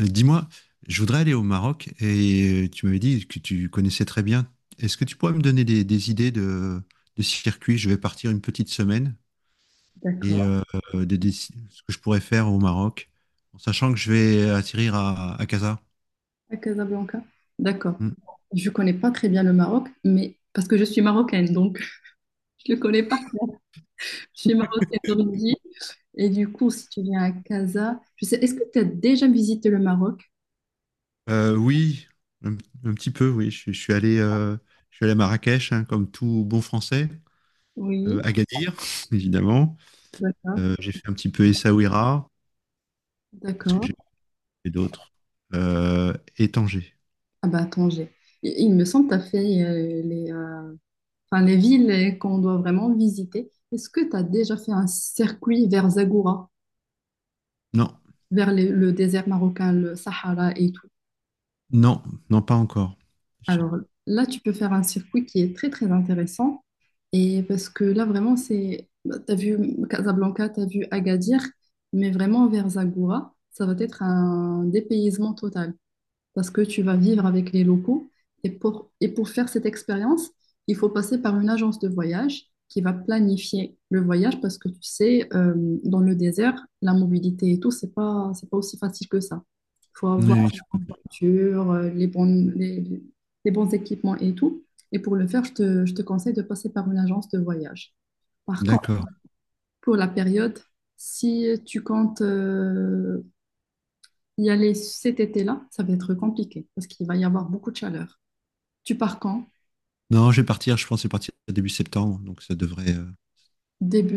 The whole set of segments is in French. Dis-moi, je voudrais aller au Maroc et tu m'avais dit que tu connaissais très bien. Est-ce que tu pourrais me donner des idées de circuits? Je vais partir une petite semaine D'accord. et ce que je pourrais faire au Maroc, en sachant que je vais atterrir à Casa. À Casablanca. D'accord. Hmm. Je connais pas très bien le Maroc, mais parce que je suis marocaine, donc je le connais pas. Je suis marocaine d'origine. Et du coup, si tu viens à Casa, je sais, est-ce que tu as déjà visité le Maroc? Oui, un, un petit peu, oui. Je suis allé, je suis allé à Marrakech, hein, comme tout bon Français. Oui. Agadir, évidemment. D'accord. J'ai fait un petit peu Essaouira. Qu'est-ce que D'accord. j'ai fait d'autre? Et Tanger. Ah bah Tanger. Il me semble que tu as fait les, enfin, les villes qu'on doit vraiment visiter. Est-ce que tu as déjà fait un circuit vers Zagora, Non, le désert marocain, le Sahara et tout? non, non, pas encore. Je- Alors là, tu peux faire un circuit qui est très très intéressant et parce que là vraiment c'est tu as vu Casablanca, tu as vu Agadir, mais vraiment vers Zagora, ça va être un dépaysement total parce que tu vas vivre avec les locaux. Et pour faire cette expérience, il faut passer par une agence de voyage qui va planifier le voyage parce que tu sais, dans le désert, la mobilité et tout, c'est pas aussi facile que ça. Il faut avoir oui, ok. Une voiture, les bons équipements et tout. Et pour le faire, je te conseille de passer par une agence de voyage. Par contre, D'accord. pour la période, si tu comptes y aller cet été-là, ça va être compliqué parce qu'il va y avoir beaucoup de chaleur. Tu pars quand? Non, je vais partir, je pense que je vais partir début septembre, donc ça devrait,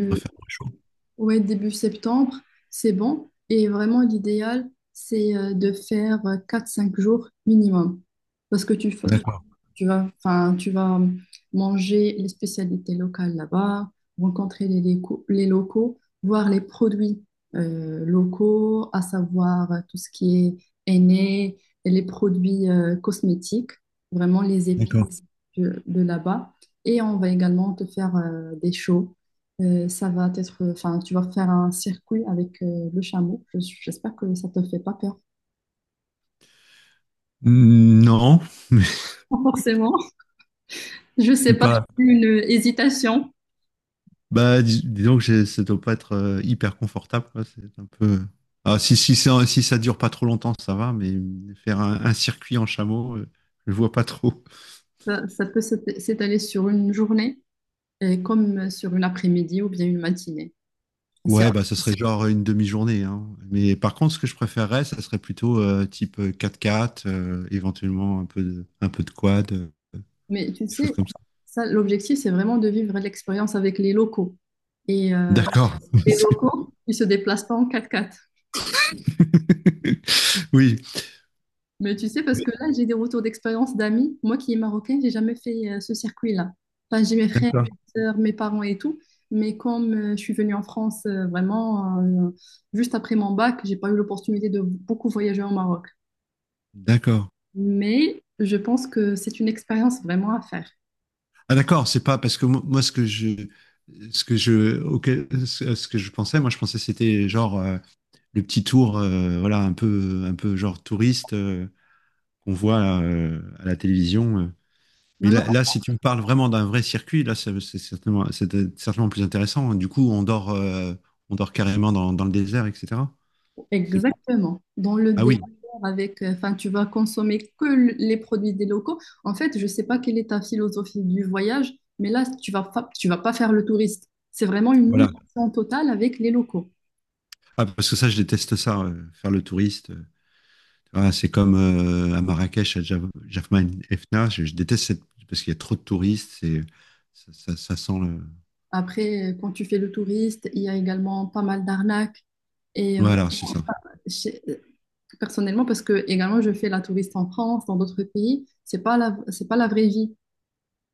devrait faire moins chaud. ouais, début septembre, c'est bon. Et vraiment, l'idéal, c'est de faire 4-5 jours minimum. Parce que tu, fa- D'accord, Tu vas, enfin, tu vas manger les spécialités locales là-bas, rencontrer les locaux, voir les produits locaux, à savoir tout ce qui est henné, les produits cosmétiques, vraiment les épices d'accord. De là-bas. Et on va également te faire des shows. Ça va être, enfin, tu vas faire un circuit avec le chameau. J'espère que ça te fait pas peur. Mm, non, mais je Forcément, je sais suis pas, pas. j'ai eu une hésitation. Bah, disons que ça doit pas être hyper confortable, quoi. C'est un peu, euh. Ah, si, si, ça, si ça dure pas trop longtemps, ça va, mais faire un circuit en chameau, je vois pas trop. Ça peut s'étaler sur une journée, et comme sur une après-midi ou bien une matinée. C'est- Ouais, bah, ça serait genre une demi-journée, hein. Mais par contre, ce que je préférerais, ça serait plutôt type 4 quatre 4 éventuellement un peu de quad, Mais tu des choses sais, comme ça. ça, l'objectif, c'est vraiment de vivre l'expérience avec les locaux. Et D'accord. les C'est- locaux, ils se déplacent pas en quatre-quatre. Oui, Mais tu sais, parce que là, j'ai des retours d'expérience d'amis. Moi qui est marocaine, j'ai jamais fait ce circuit-là. Enfin, j'ai mes frères, d'accord, mes sœurs, mes parents et tout. Mais comme je suis venue en France vraiment juste après mon bac, j'ai pas eu l'opportunité de beaucoup voyager au Maroc. d'accord. Mais je pense que c'est une expérience vraiment à faire. Ah, d'accord, c'est pas parce que moi, ce que je, auquel- ce ce que je pensais, moi, je pensais que c'était genre le petit tour, voilà, un peu genre touriste qu'on voit là, à la télévision, euh. Mais Non, non, là, si tu me parles vraiment d'un vrai circuit, là, c'est certainement, c'était certainement plus intéressant. Du coup, on dort carrément dans le désert, etc. C'est- exactement. Dans le Ah délire oui, avec, enfin, tu vas consommer que les produits des locaux. En fait, je sais pas quelle est ta philosophie du voyage, mais là, tu vas pas faire le touriste. C'est vraiment une voilà. immersion totale avec les locaux. Ah, parce que ça, je déteste ça, faire le touriste, euh. Ah, c'est comme à Marrakech, à Jafna et je déteste cette… parce qu'il y a trop de touristes. C'est… Ça, ça sent le. Après, quand tu fais le touriste, il y a également pas mal d'arnaques. Et ouais, Voilà, c'est ça. j'ai- euh, personnellement, parce que également, je fais la touriste en France, dans d'autres pays, c'est pas la vraie vie.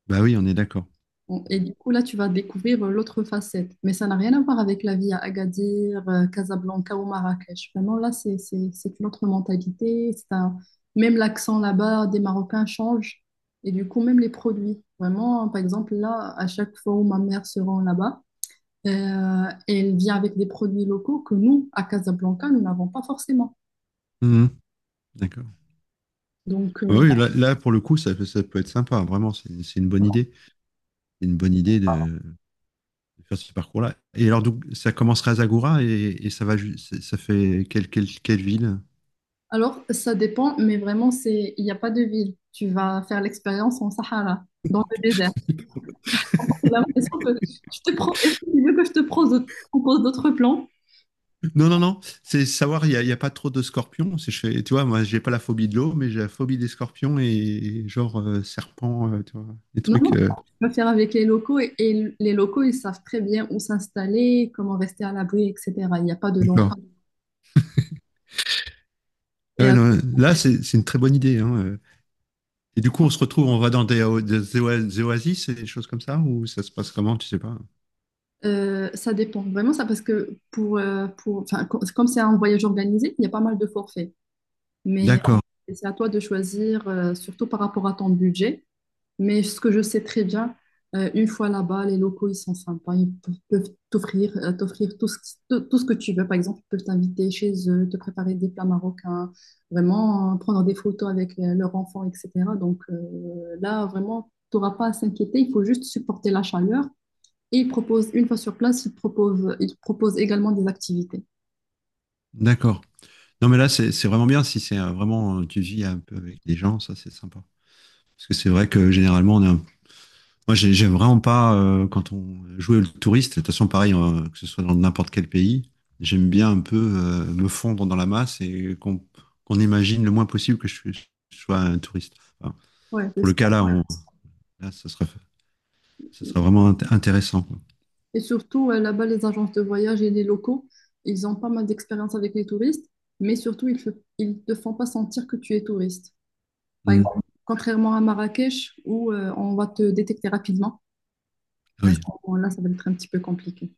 Bah oui, on est d'accord. Bon, et du coup, là, tu vas découvrir l'autre facette. Mais ça n'a rien à voir avec la vie à Agadir, Casablanca ou Marrakech. Vraiment, là, c'est une autre mentalité. C'est un... Même l'accent là-bas des Marocains change. Et du coup, même les produits. Vraiment, par exemple, là, à chaque fois où ma mère se rend là-bas, elle vient avec des produits locaux que nous, à Casablanca, nous n'avons pas forcément. Mhm, d'accord. Donc, Ah euh, oui, là, pour le coup, ça, ça peut être sympa. Vraiment, c'est une bonne idée. C'est une bonne idée de faire ce parcours-là. Et alors, donc, ça commencerait à Zagora et ça va ça fait quelle ville? alors, ça dépend, mais vraiment, c'est, il n'y a pas de ville. Tu vas faire l'expérience en Sahara, dans le désert. J'ai l'impression que est-ce que tu veux que je te propose d'autres plans? Non, non, non. C'est savoir, il y a pas trop de scorpions. C'est, tu vois, moi, j'ai pas la phobie de l'eau, mais j'ai la phobie des scorpions genre serpents, tu vois, des Non, non, trucs, je peux faire avec les locaux et les locaux, ils savent très bien où s'installer, comment rester à l'abri, etc. Il n'y a pas de danger. d'accord. Et Ouais, non, là, c'est une très bonne idée, hein. Et du coup, on se retrouve, on va dans des, o- des oa- des oasis et des choses comme ça, ou ça se passe comment, tu sais pas. Ça dépend vraiment ça parce que pour, enfin, comme c'est un voyage organisé, il y a pas mal de forfaits. Mais D'accord, c'est à toi de choisir, surtout par rapport à ton budget. Mais ce que je sais très bien, une fois là-bas, les locaux, ils sont sympas. Ils peuvent t'offrir tout ce, tout ce que tu veux. Par exemple, ils peuvent t'inviter chez eux, te préparer des plats marocains, vraiment prendre des photos avec leurs enfants, etc. Là, vraiment, tu n'auras pas à s'inquiéter. Il faut juste supporter la chaleur. Et ils proposent, une fois sur place, ils proposent également des activités. d'accord. Non, mais là, c'est vraiment bien si c'est vraiment, tu vis un peu avec des gens, ça, c'est sympa. Parce que c'est vrai que généralement, on est un… moi, j'aime vraiment pas quand on joue le touriste. De toute façon, pareil, que ce soit dans n'importe quel pays, j'aime bien un peu me fondre dans la masse et qu'on imagine le moins possible que je sois un touriste. Enfin, Ouais, pour c'est le cas là, là, ça serait vraiment intéressant, quoi. et surtout, là-bas, les agences de voyage et les locaux, ils ont pas mal d'expérience avec les touristes, mais surtout, ils ne te font pas sentir que tu es touriste. Par Hmm. exemple, contrairement à Marrakech, où on va te détecter rapidement, Ah et à ce oui, moment-là, ça va être un petit peu compliqué.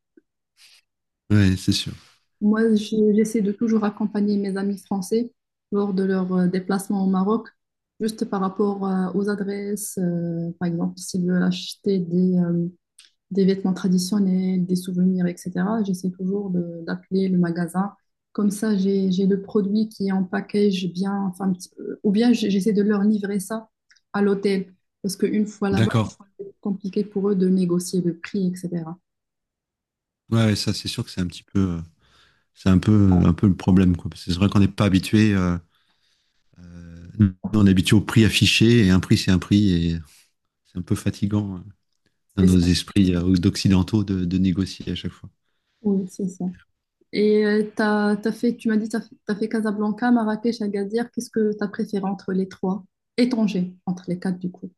ouais, c'est sûr. Moi, C'est sûr. J'essaie de toujours accompagner mes amis français lors de leurs déplacements au Maroc, juste par rapport aux adresses. Par exemple, s'ils veulent acheter des vêtements traditionnels, des souvenirs, etc. J'essaie toujours d'appeler le magasin. Comme ça, j'ai le produit qui est en package bien, enfin, ou bien j'essaie de leur livrer ça à l'hôtel. Parce qu'une fois là-bas, D'accord. c'est compliqué pour eux de négocier le prix, etc. Ouais, ouais, ça, c'est sûr que c'est un petit peu, c'est un peu le problème, quoi. Parce que c'est vrai qu'on n'est pas habitué, nous, on est habitué au prix affiché et un prix, c'est un prix. Et c'est un peu fatigant hein, dans C'est nos ça. esprits d'occidentaux de négocier à chaque fois. Oui, c'est ça. Et t'as fait, tu m'as dit, t'as fait Casablanca, Marrakech, Agadir. Qu'est-ce que t'as préféré entre les trois? Et Tanger, entre les quatre, du coup.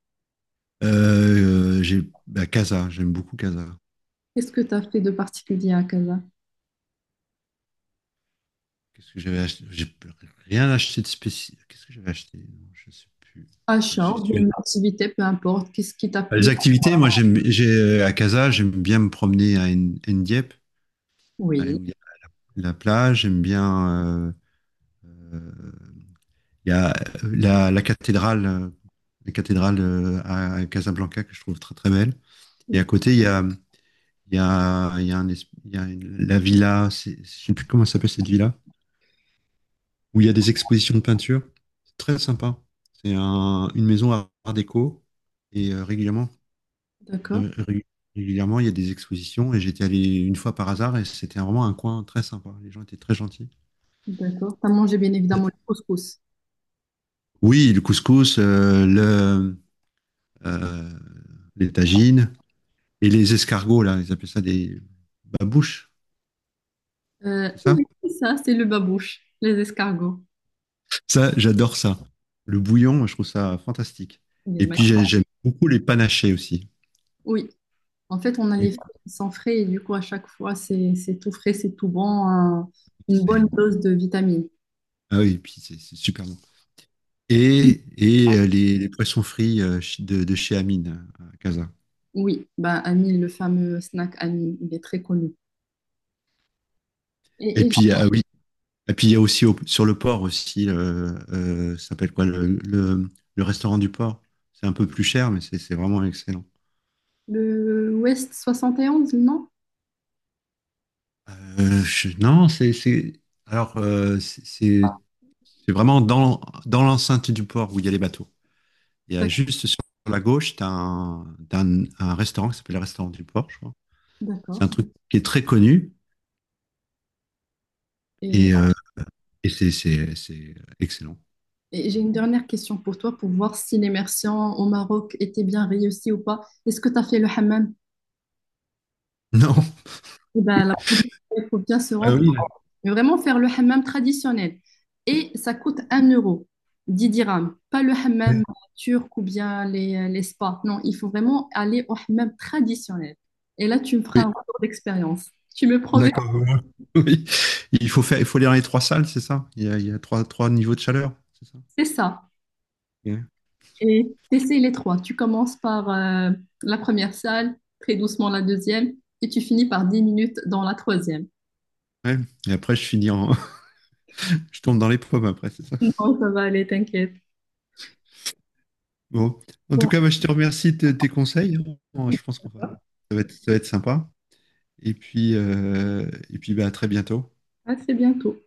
J'ai bah, Casa, j'aime beaucoup Casa. Qu'est-ce que t'as fait de particulier à Casa? Qu'est-ce que j'avais acheté? J'ai rien acheté de spécial. Qu'est-ce que j'avais acheté? Non, je sais plus. C'est- Achat j'ai- ou bien une activité, peu importe, qu'est-ce qui t'a plu? Les activités, moi j'aime j'ai à Casa, j'aime bien me promener à Ndiep, Oui. où il y a la plage, j'aime bien euh, il y a la cathédrale à Casablanca que je trouve très très belle. Et Mm. à côté, il y a un es- il y a une- la villa, c'est- je ne sais plus comment ça s'appelle cette villa, où il y a des expositions de peinture. C'est très sympa. C'est un- une maison à art déco et régulièrement, D'accord, ré- ré- régulièrement, il y a des expositions et j'étais allé une fois par hasard et c'était vraiment un coin très sympa. Les gens étaient très gentils. d'accord. T'as mangé bien évidemment le couscous. Oui, le couscous, euh, les tagines et les escargots, là, ils appellent ça des babouches, c'est ça? Oui, c'est ça, c'est le babouche, les escargots. Ça, j'adore ça. Le bouillon, je trouve ça fantastique. Il est Et puis, magnifique. J'aime beaucoup les panachés aussi. Oui, en fait, on a Et les puis, fruits qui sont frais et du coup, à chaque fois, c'est tout frais, c'est tout bon, une bonne c'est- dose de vitamines. Ah oui, et puis c'est super bon. Et les poissons frits de chez Amine, à Casa. Oui, bah, Anil, le fameux snack Anil, il est très connu. Et, Et et puis, ah oui. Et puis, il y a aussi sur le port aussi, ça s'appelle quoi, le restaurant du port. C'est un peu plus cher, mais c'est vraiment excellent. le West 71, non? Non, Alors, euh, c'est c'est- c'est vraiment dans l'enceinte du port où il y a les bateaux. Il y a D'ac- juste sur la gauche, tu as un restaurant qui s'appelle le restaurant du port, je crois. C'est D'accord. un truc qui est très connu Et et, euh, et c'est excellent. Et j'ai une dernière question pour toi pour voir si l'immersion au Maroc était bien réussie ou pas. Est-ce que tu as fait le hammam? Non. Eh ben, la prochaine fois, il faut bien se Ah rendre, oui, mais vraiment faire le hammam traditionnel. Et ça coûte 1 euro, 10 dirhams. Pas le hammam turc ou bien les spas. Non, il faut vraiment aller au hammam traditionnel. Et là, tu me feras un oui. retour d'expérience. Tu me promets, D'accord. Oui. Il faut faire, il faut lire les trois salles, c'est ça? Il y a trois, trois niveaux de chaleur, c'est ça? c'est ça. Yeah. Et t'essayes les trois. Tu commences par la première salle, très doucement la deuxième, et tu finis par 10 minutes dans la troisième. Ouais. Et après, je finis en, je tombe dans les pommes après, c'est ça? Non, ça va aller, t'inquiète. Bon. En tout Bon, cas, moi, je te remercie de tes conseils. Bon, je pense qu'on va, ça va être sympa. Et puis, bah, à très bientôt. à très bientôt.